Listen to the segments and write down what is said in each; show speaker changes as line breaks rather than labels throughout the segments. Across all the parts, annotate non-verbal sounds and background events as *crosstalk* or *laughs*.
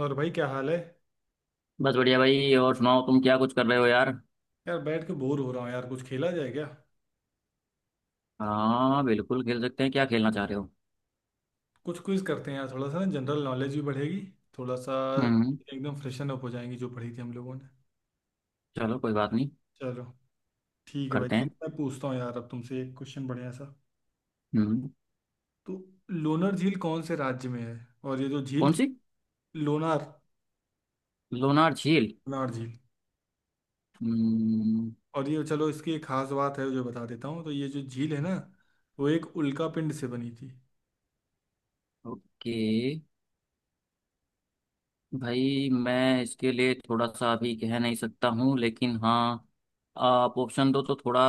और भाई क्या हाल है।
बस बढ़िया भाई। और सुनाओ तुम क्या कुछ कर रहे हो यार।
यार बैठ के बोर हो रहा हूँ यार, कुछ खेला जाए क्या?
हाँ, बिल्कुल खेल सकते हैं। क्या खेलना चाह रहे हो?
कुछ क्विज करते हैं यार, थोड़ा सा ना जनरल नॉलेज भी बढ़ेगी। थोड़ा सा
हम्म।
एकदम फ्रेशन अप हो जाएंगी जो पढ़ी थी हम लोगों ने।
चलो, कोई बात नहीं,
चलो ठीक है भाई,
करते
चलो
हैं।
मैं पूछता हूँ यार, अब तुमसे एक क्वेश्चन बढ़िया सा।
हम्म।
तो लोनार झील कौन से राज्य में है? और ये जो झील
कौन
थी,
सी?
लोनार,
लोनार झील।
लोनार झील।
हम्म।
और ये चलो इसकी एक खास बात है जो बता देता हूँ, तो ये जो झील है ना, वो एक उल्का पिंड से बनी थी।
ओके। भाई मैं इसके लिए थोड़ा सा अभी कह नहीं सकता हूँ, लेकिन हाँ, आप ऑप्शन दो तो थोड़ा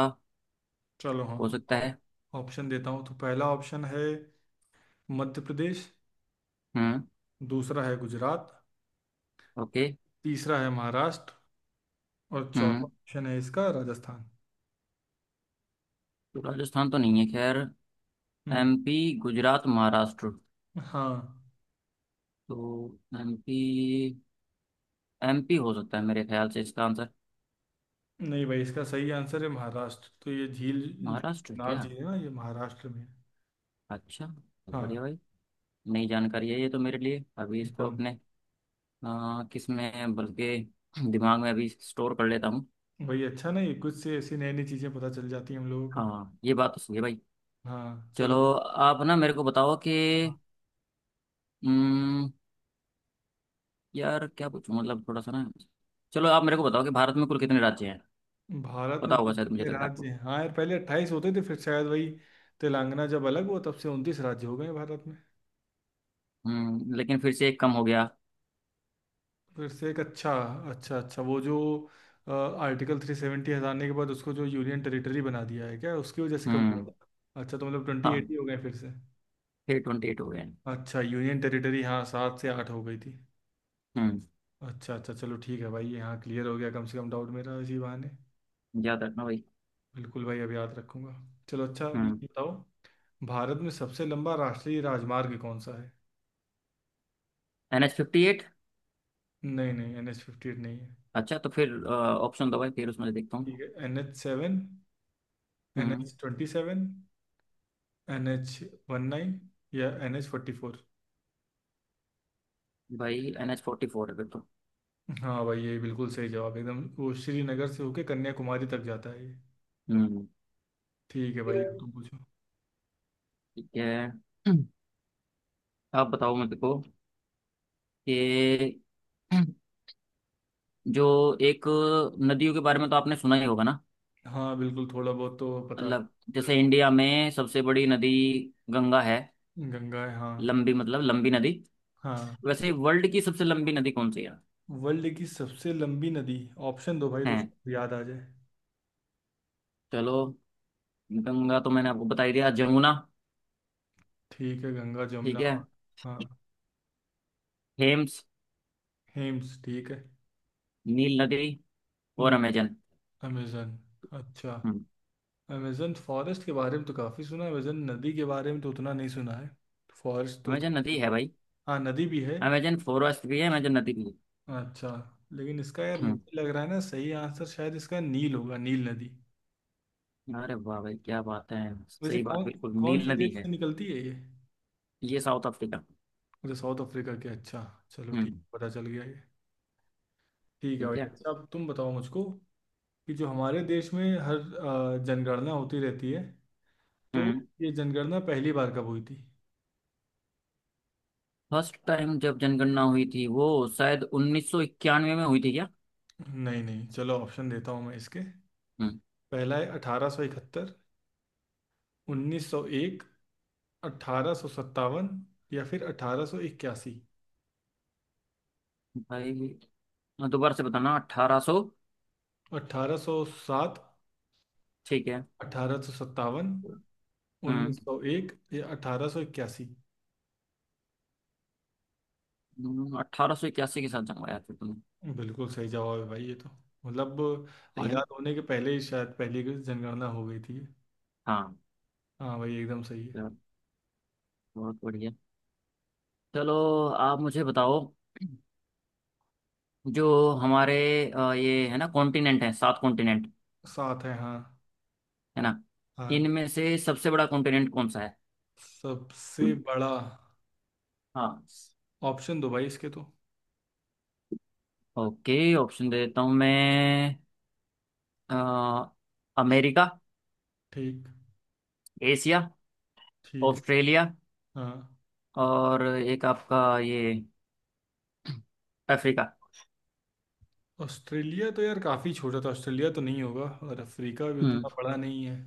चलो हाँ।
हो सकता
हाँ।
है।
ऑप्शन देता हूँ तो पहला ऑप्शन है मध्य प्रदेश,
हम्म।
दूसरा है गुजरात,
ओके।
तीसरा है महाराष्ट्र और चौथा
हम्म।
ऑप्शन है इसका राजस्थान।
तो राजस्थान तो नहीं है, खैर।
हम्म,
एमपी, गुजरात, महाराष्ट्र।
हाँ।
तो एमपी, एमपी हो सकता है मेरे ख्याल से इसका आंसर।
नहीं भाई, इसका सही आंसर है महाराष्ट्र, तो ये झील जो
महाराष्ट्र
नार
क्या!
झील है ना ये महाराष्ट्र में है।
अच्छा, बहुत
हाँ
बढ़िया भाई। नई जानकारी है ये तो मेरे लिए। अभी इसको
एकदम।
अपने किस में बल्कि दिमाग में अभी स्टोर कर लेता हूँ।
भाई अच्छा नहीं, कुछ से ऐसी नई नई चीजें पता चल जाती हैं हम लोगों को।
हाँ, ये बात तो सही है भाई।
हाँ चलो।
चलो आप ना मेरे को बताओ
हाँ,
कि, हम्म, यार क्या पूछूं? मतलब थोड़ा सा ना। चलो आप मेरे को बताओ कि भारत में कुल कितने राज्य हैं।
भारत
पता
में
होगा
कुल
शायद, मुझे लग
कितने
रहा है
राज्य
आपको।
हैं? हाँ यार, पहले 28 होते थे, फिर शायद वही तेलंगाना जब अलग हुआ तब से 29 राज्य हो गए हैं भारत में।
हम्म, लेकिन फिर से एक कम हो गया।
फिर से एक अच्छा, अच्छा अच्छा वो जो आर्टिकल 370 हटाने के बाद उसको जो यूनियन टेरिटरी बना दिया है, क्या उसकी वजह से कम हुआ
हम्म।
था? अच्छा, तो मतलब 28
हाँ,
हो गए फिर से।
फिर 28 हो गए हैं।
अच्छा, यूनियन टेरिटरी हाँ 7 से 8 हो गई थी।
हम्म।
अच्छा अच्छा, चलो ठीक है भाई ये, हाँ क्लियर हो गया कम से कम डाउट मेरा इसी बहाने।
याद रखना भाई।
बिल्कुल भाई, अब याद रखूंगा। चलो अच्छा, अब ये
हम्म।
बताओ भारत में सबसे लंबा राष्ट्रीय राजमार्ग कौन सा है?
NH 58।
नहीं नहीं, NH 58 नहीं है।
अच्छा, तो फिर ऑप्शन दो भाई फिर उसमें से देखता
ठीक
हूँ।
है, NH 7, N
hmm.
H twenty seven NH 19 या NH 44।
भाई NH 44 है फिर तो।
हाँ भाई ये बिल्कुल सही जवाब, एकदम वो श्रीनगर से होके कन्याकुमारी तक जाता है ये।
हम्म।
ठीक है भाई, अब तुम पूछो।
ठीक है। *clears throat* आप बताओ मेरे को कि *clears throat* जो एक नदियों के बारे में तो आपने सुना ही होगा ना।
हाँ बिल्कुल, थोड़ा बहुत तो पता है।
मतलब जैसे इंडिया में सबसे बड़ी नदी गंगा है।
गंगा है हाँ।
लंबी, मतलब लंबी नदी।
हाँ।
वैसे वर्ल्ड की सबसे लंबी नदी कौन सी है?
वर्ल्ड की सबसे लंबी नदी, ऑप्शन दो भाई तो
है,
शायद याद आ जाए।
चलो। गंगा तो मैंने आपको बता ही दिया। जमुना,
ठीक है, गंगा जमुना
ठीक है,
और हाँ
थेम्स,
हेम्स ठीक है।
नील नदी और
हम्म,
अमेजन।
अमेजन, अच्छा।
हम्म।
अमेजन फॉरेस्ट के बारे में तो काफ़ी सुना है, अमेजन नदी के बारे में तो उतना नहीं सुना है। फॉरेस्ट तो,
अमेजन नदी है भाई।
हाँ नदी भी है।
अमेजन फॉरेस्ट भी है, अमेजन नदी भी है।
अच्छा, लेकिन इसका यार
हम्म।
मुझे लग रहा है ना, सही आंसर शायद इसका नील होगा, नील नदी।
अरे वाह भाई, क्या बात है!
वैसे
सही बात,
कौन,
बिल्कुल
कौन
नील
से
नदी
देश से
है।
निकलती है ये?
ये साउथ अफ्रीका।
अच्छा साउथ अफ्रीका के, अच्छा चलो ठीक,
हम्म।
पता चल गया ये। ठीक है
ठीक
भाई,
है।
अच्छा अब तुम बताओ मुझको कि जो हमारे देश में हर जनगणना होती रहती है, तो
हम्म।
ये जनगणना पहली बार कब हुई थी?
फर्स्ट टाइम जब जनगणना हुई थी, वो शायद 1991 में हुई थी क्या?
नहीं नहीं, चलो ऑप्शन देता हूँ मैं इसके।
हम्म।
पहला है 1871, 1901, 1857 या फिर 1881।
भाई दोबारा से बताना। 1800,
1807,
ठीक है।
1857,
हम्म।
1901 या 1881।
1881 के साथ जन्माया था तुमने।
बिल्कुल सही जवाब है भाई ये तो। मतलब
सही है
आज़ाद
ना?
होने के पहले ही शायद पहली की जनगणना हो गई थी।
हाँ।
हाँ भाई एकदम सही है।
चलो, बहुत बढ़िया। चलो आप मुझे बताओ। जो हमारे ये है ना, कॉन्टिनेंट है, 7 कॉन्टिनेंट।
साथ है हाँ।
है ना?
हाँ।
इनमें से सबसे बड़ा कॉन्टिनेंट कौन सा है?
सबसे बड़ा,
हाँ।
ऑप्शन दो भाई इसके तो।
ओके, ऑप्शन दे देता हूँ मैं। अ, अमेरिका,
ठीक,
एशिया,
ठीक है,
ऑस्ट्रेलिया
हाँ।
और एक आपका ये अफ्रीका।
ऑस्ट्रेलिया तो यार काफ़ी छोटा था, ऑस्ट्रेलिया तो नहीं होगा, और अफ्रीका भी
हम्म,
उतना बड़ा नहीं है।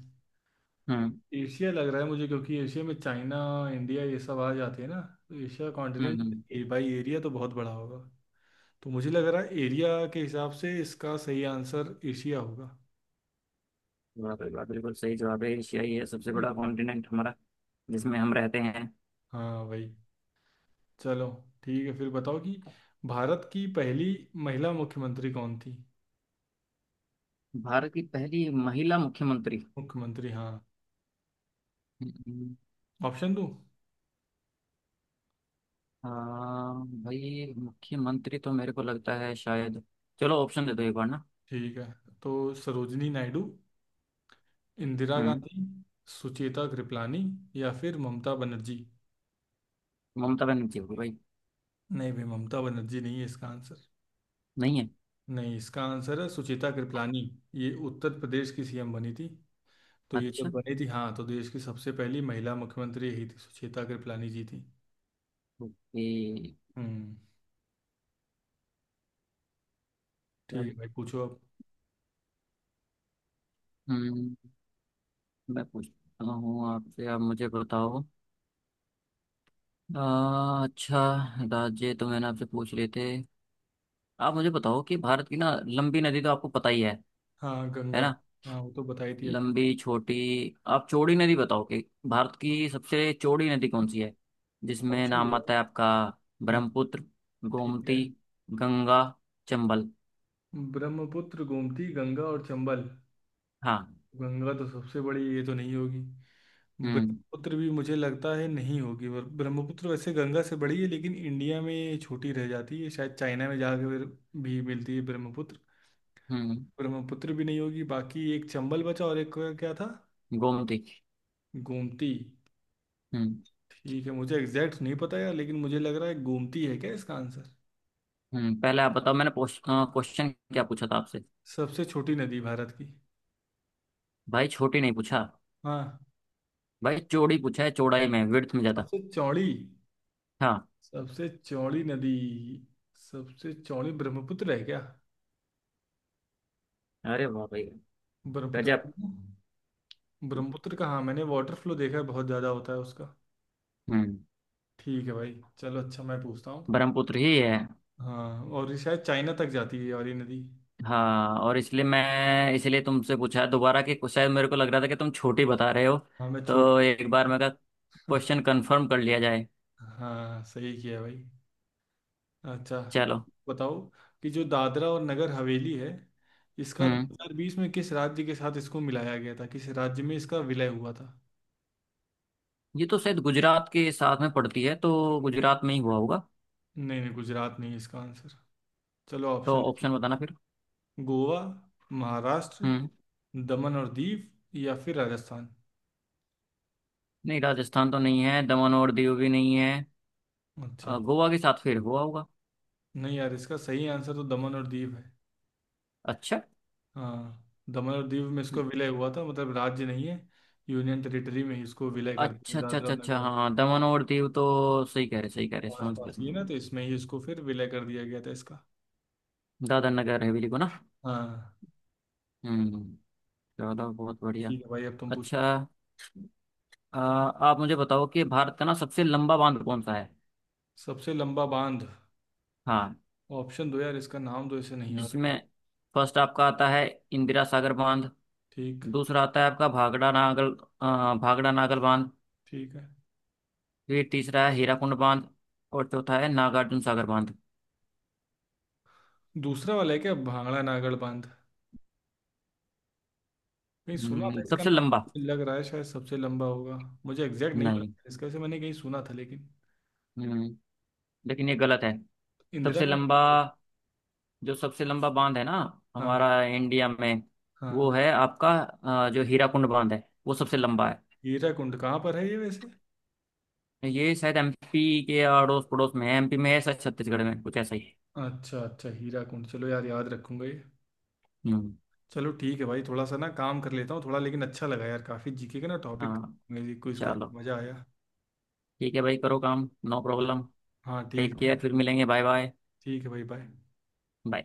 हम्म,
एशिया लग रहा है मुझे, क्योंकि एशिया में चाइना, इंडिया ये सब आ जाते हैं ना, तो एशिया
हम्म,
कॉन्टिनेंट ए बाई एरिया तो बहुत बड़ा होगा। तो मुझे लग रहा है एरिया के हिसाब से इसका सही आंसर एशिया होगा।
वाह भाई वाह, बिल्कुल सही जवाब है। एशिया ही है सबसे
सही
बड़ा
है।
कॉन्टिनेंट हमारा, जिसमें हम रहते हैं।
हाँ भाई, चलो ठीक है फिर, बताओ कि भारत की पहली महिला मुख्यमंत्री कौन थी?
भारत की पहली महिला मुख्यमंत्री।
मुख्यमंत्री हाँ।
हम्म।
ऑप्शन दो।
अ, भाई मुख्यमंत्री तो मेरे को लगता है शायद, चलो ऑप्शन दे दो एक बार ना।
ठीक है तो, सरोजनी नायडू, इंदिरा
हम्म।
गांधी, सुचेता कृपलानी या फिर ममता बनर्जी।
ममता बनर्जी होगी भाई।
नहीं भाई, ममता बनर्जी नहीं है इसका आंसर।
नहीं है?
नहीं, इसका आंसर है सुचिता कृपलानी। ये उत्तर प्रदेश की सीएम बनी थी, तो ये जब
अच्छा।
बनी थी हाँ, तो देश की सबसे पहली महिला मुख्यमंत्री यही थी, सुचिता कृपलानी जी थी।
ओके।
हम्म। ठीक है भाई, पूछो अब।
हम्म। मैं पूछता हूँ आपसे, आप मुझे बताओ। अच्छा, राज्य तो मैंने आपसे पूछ लिए थे। आप मुझे बताओ कि भारत की ना लंबी नदी तो आपको पता ही है
हाँ
है
गंगा।
ना?
हाँ वो तो बताई थी अभी।
लंबी, छोटी। आप चौड़ी नदी बताओ कि भारत की सबसे चौड़ी नदी कौन सी है, जिसमें
ऑप्शन दो
नाम
यार।
आता है आपका।
हाँ
ब्रह्मपुत्र,
ठीक है।
गोमती, गंगा, चंबल।
ब्रह्मपुत्र, गोमती, गंगा और चंबल।
हाँ।
गंगा तो सबसे बड़ी, ये तो नहीं होगी।
हम्म,
ब्रह्मपुत्र भी मुझे लगता है नहीं होगी, और ब्रह्मपुत्र वैसे गंगा से बड़ी है लेकिन इंडिया में ये छोटी रह जाती है, शायद चाइना में जाकर फिर भी मिलती है ब्रह्मपुत्र।
हम्म,
ब्रह्मपुत्र भी नहीं होगी, बाकी एक चंबल बचा और एक, क्या था?
गोमती।
गोमती।
हम्म।
ठीक है, मुझे एग्जैक्ट नहीं पता यार लेकिन मुझे लग रहा है गोमती है क्या इसका आंसर?
हम्म, पहले आप बताओ, मैंने क्वेश्चन क्या पूछा था आपसे?
सबसे छोटी नदी भारत की।
भाई छोटी नहीं पूछा।
हाँ।
भाई चौड़ी पूछा है, चौड़ाई में, विड्थ में ज्यादा।
सबसे चौड़ी,
हाँ।
सबसे चौड़ी नदी। सबसे चौड़ी ब्रह्मपुत्र है क्या?
अरे वाह भाई,
ब्रह्मपुत्र।
गजब।
ब्रह्मपुत्र का हाँ मैंने वाटर फ्लो देखा है, बहुत ज़्यादा होता है उसका।
हम्म।
ठीक है भाई चलो, अच्छा मैं पूछता हूँ।
ब्रह्मपुत्र ही है।
हाँ, और ये शायद चाइना तक जाती है और ये नदी।
हाँ, और इसलिए मैं, इसलिए तुमसे पूछा है दोबारा, कि शायद मेरे को लग रहा था कि तुम छोटी बता रहे हो।
हाँ मैं
तो
छोटी।
एक बार मैं कहा, क्वेश्चन कंफर्म कर लिया जाए।
*laughs* हाँ सही किया भाई। अच्छा
चलो।
बताओ कि जो दादरा और नगर हवेली है, इसका
हम्म।
2020 में किस राज्य के साथ इसको मिलाया गया था, किस राज्य में इसका विलय हुआ था?
ये तो शायद गुजरात के साथ में पड़ती है, तो गुजरात में ही हुआ होगा।
नहीं नहीं, गुजरात नहीं है इसका आंसर। चलो
तो
ऑप्शन देता
ऑप्शन
हूँ,
बताना फिर।
गोवा, महाराष्ट्र,
हम्म।
दमन और दीव, या फिर राजस्थान।
नहीं, राजस्थान तो नहीं है, दमन और दीव भी नहीं है।
अच्छा,
गोवा के साथ फिर हुआ होगा।
नहीं यार, इसका सही आंसर तो दमन और दीव है।
अच्छा,
हाँ, दमन और दीव में इसको विलय हुआ था, मतलब राज्य नहीं है, यूनियन टेरिटरी में ही इसको विलय कर दिया
अच्छा, अच्छा,
दादरा और
अच्छा, अच्छा,
नगर।
हाँ, दमन और दीव, तो सही कह रहे, सही कह रहे,
पास
समझ गया,
पास ही है
समझ
ना,
गया।
तो इसमें ही इसको फिर विलय कर दिया गया था इसका।
दादर नगर हवेली को ना।
हाँ।
हम्म। चलो, बहुत बढ़िया।
ठीक है भाई, अब तुम पूछो।
अच्छा, आप मुझे बताओ कि भारत का ना सबसे लंबा बांध कौन सा है।
सबसे लंबा बांध,
हाँ,
ऑप्शन दो यार, इसका नाम तो इसे नहीं याद है।
जिसमें फर्स्ट आपका आता है, इंदिरा सागर बांध।
ठीक,
दूसरा आता है आपका भागड़ा नागल, भागड़ा नागल बांध।
ठीक है।
फिर तीसरा है हीराकुंड बांध और चौथा है नागार्जुन सागर बांध।
दूसरा वाला है क्या भांगड़ा नागड़ बांध? कहीं सुना था इसका
सबसे
नाम।
लंबा।
लग रहा है शायद सबसे लंबा होगा। मुझे एग्जैक्ट नहीं
नहीं।
पता इसका, से मैंने कहीं सुना था लेकिन।
हम्म, लेकिन ये गलत है।
इंदिरा
सबसे लंबा,
गांधी-
जो सबसे लंबा बांध है ना
हाँ।
हमारा इंडिया में,
हाँ।
वो है आपका जो हीराकुंड बांध है, वो सबसे लंबा है।
हीरा कुंड कहाँ पर है ये वैसे?
ये शायद एमपी के अड़ोस पड़ोस में है, एमपी में है, शायद छत्तीसगढ़ में, कुछ ऐसा ही है।
अच्छा अच्छा, हीरा कुंड, चलो यार याद रखूंगा ये।
हम्म।
चलो ठीक है भाई, थोड़ा सा ना काम कर लेता हूँ थोड़ा, लेकिन अच्छा लगा यार, काफी जीके का ना टॉपिक
हाँ।
क्विज करके
चलो
मजा आया।
ठीक है भाई, करो काम, नो प्रॉब्लम।
हाँ
टेक
ठीक है
केयर, फिर
भाई।
मिलेंगे, बाय बाय।
ठीक है भाई, बाय।
बाय।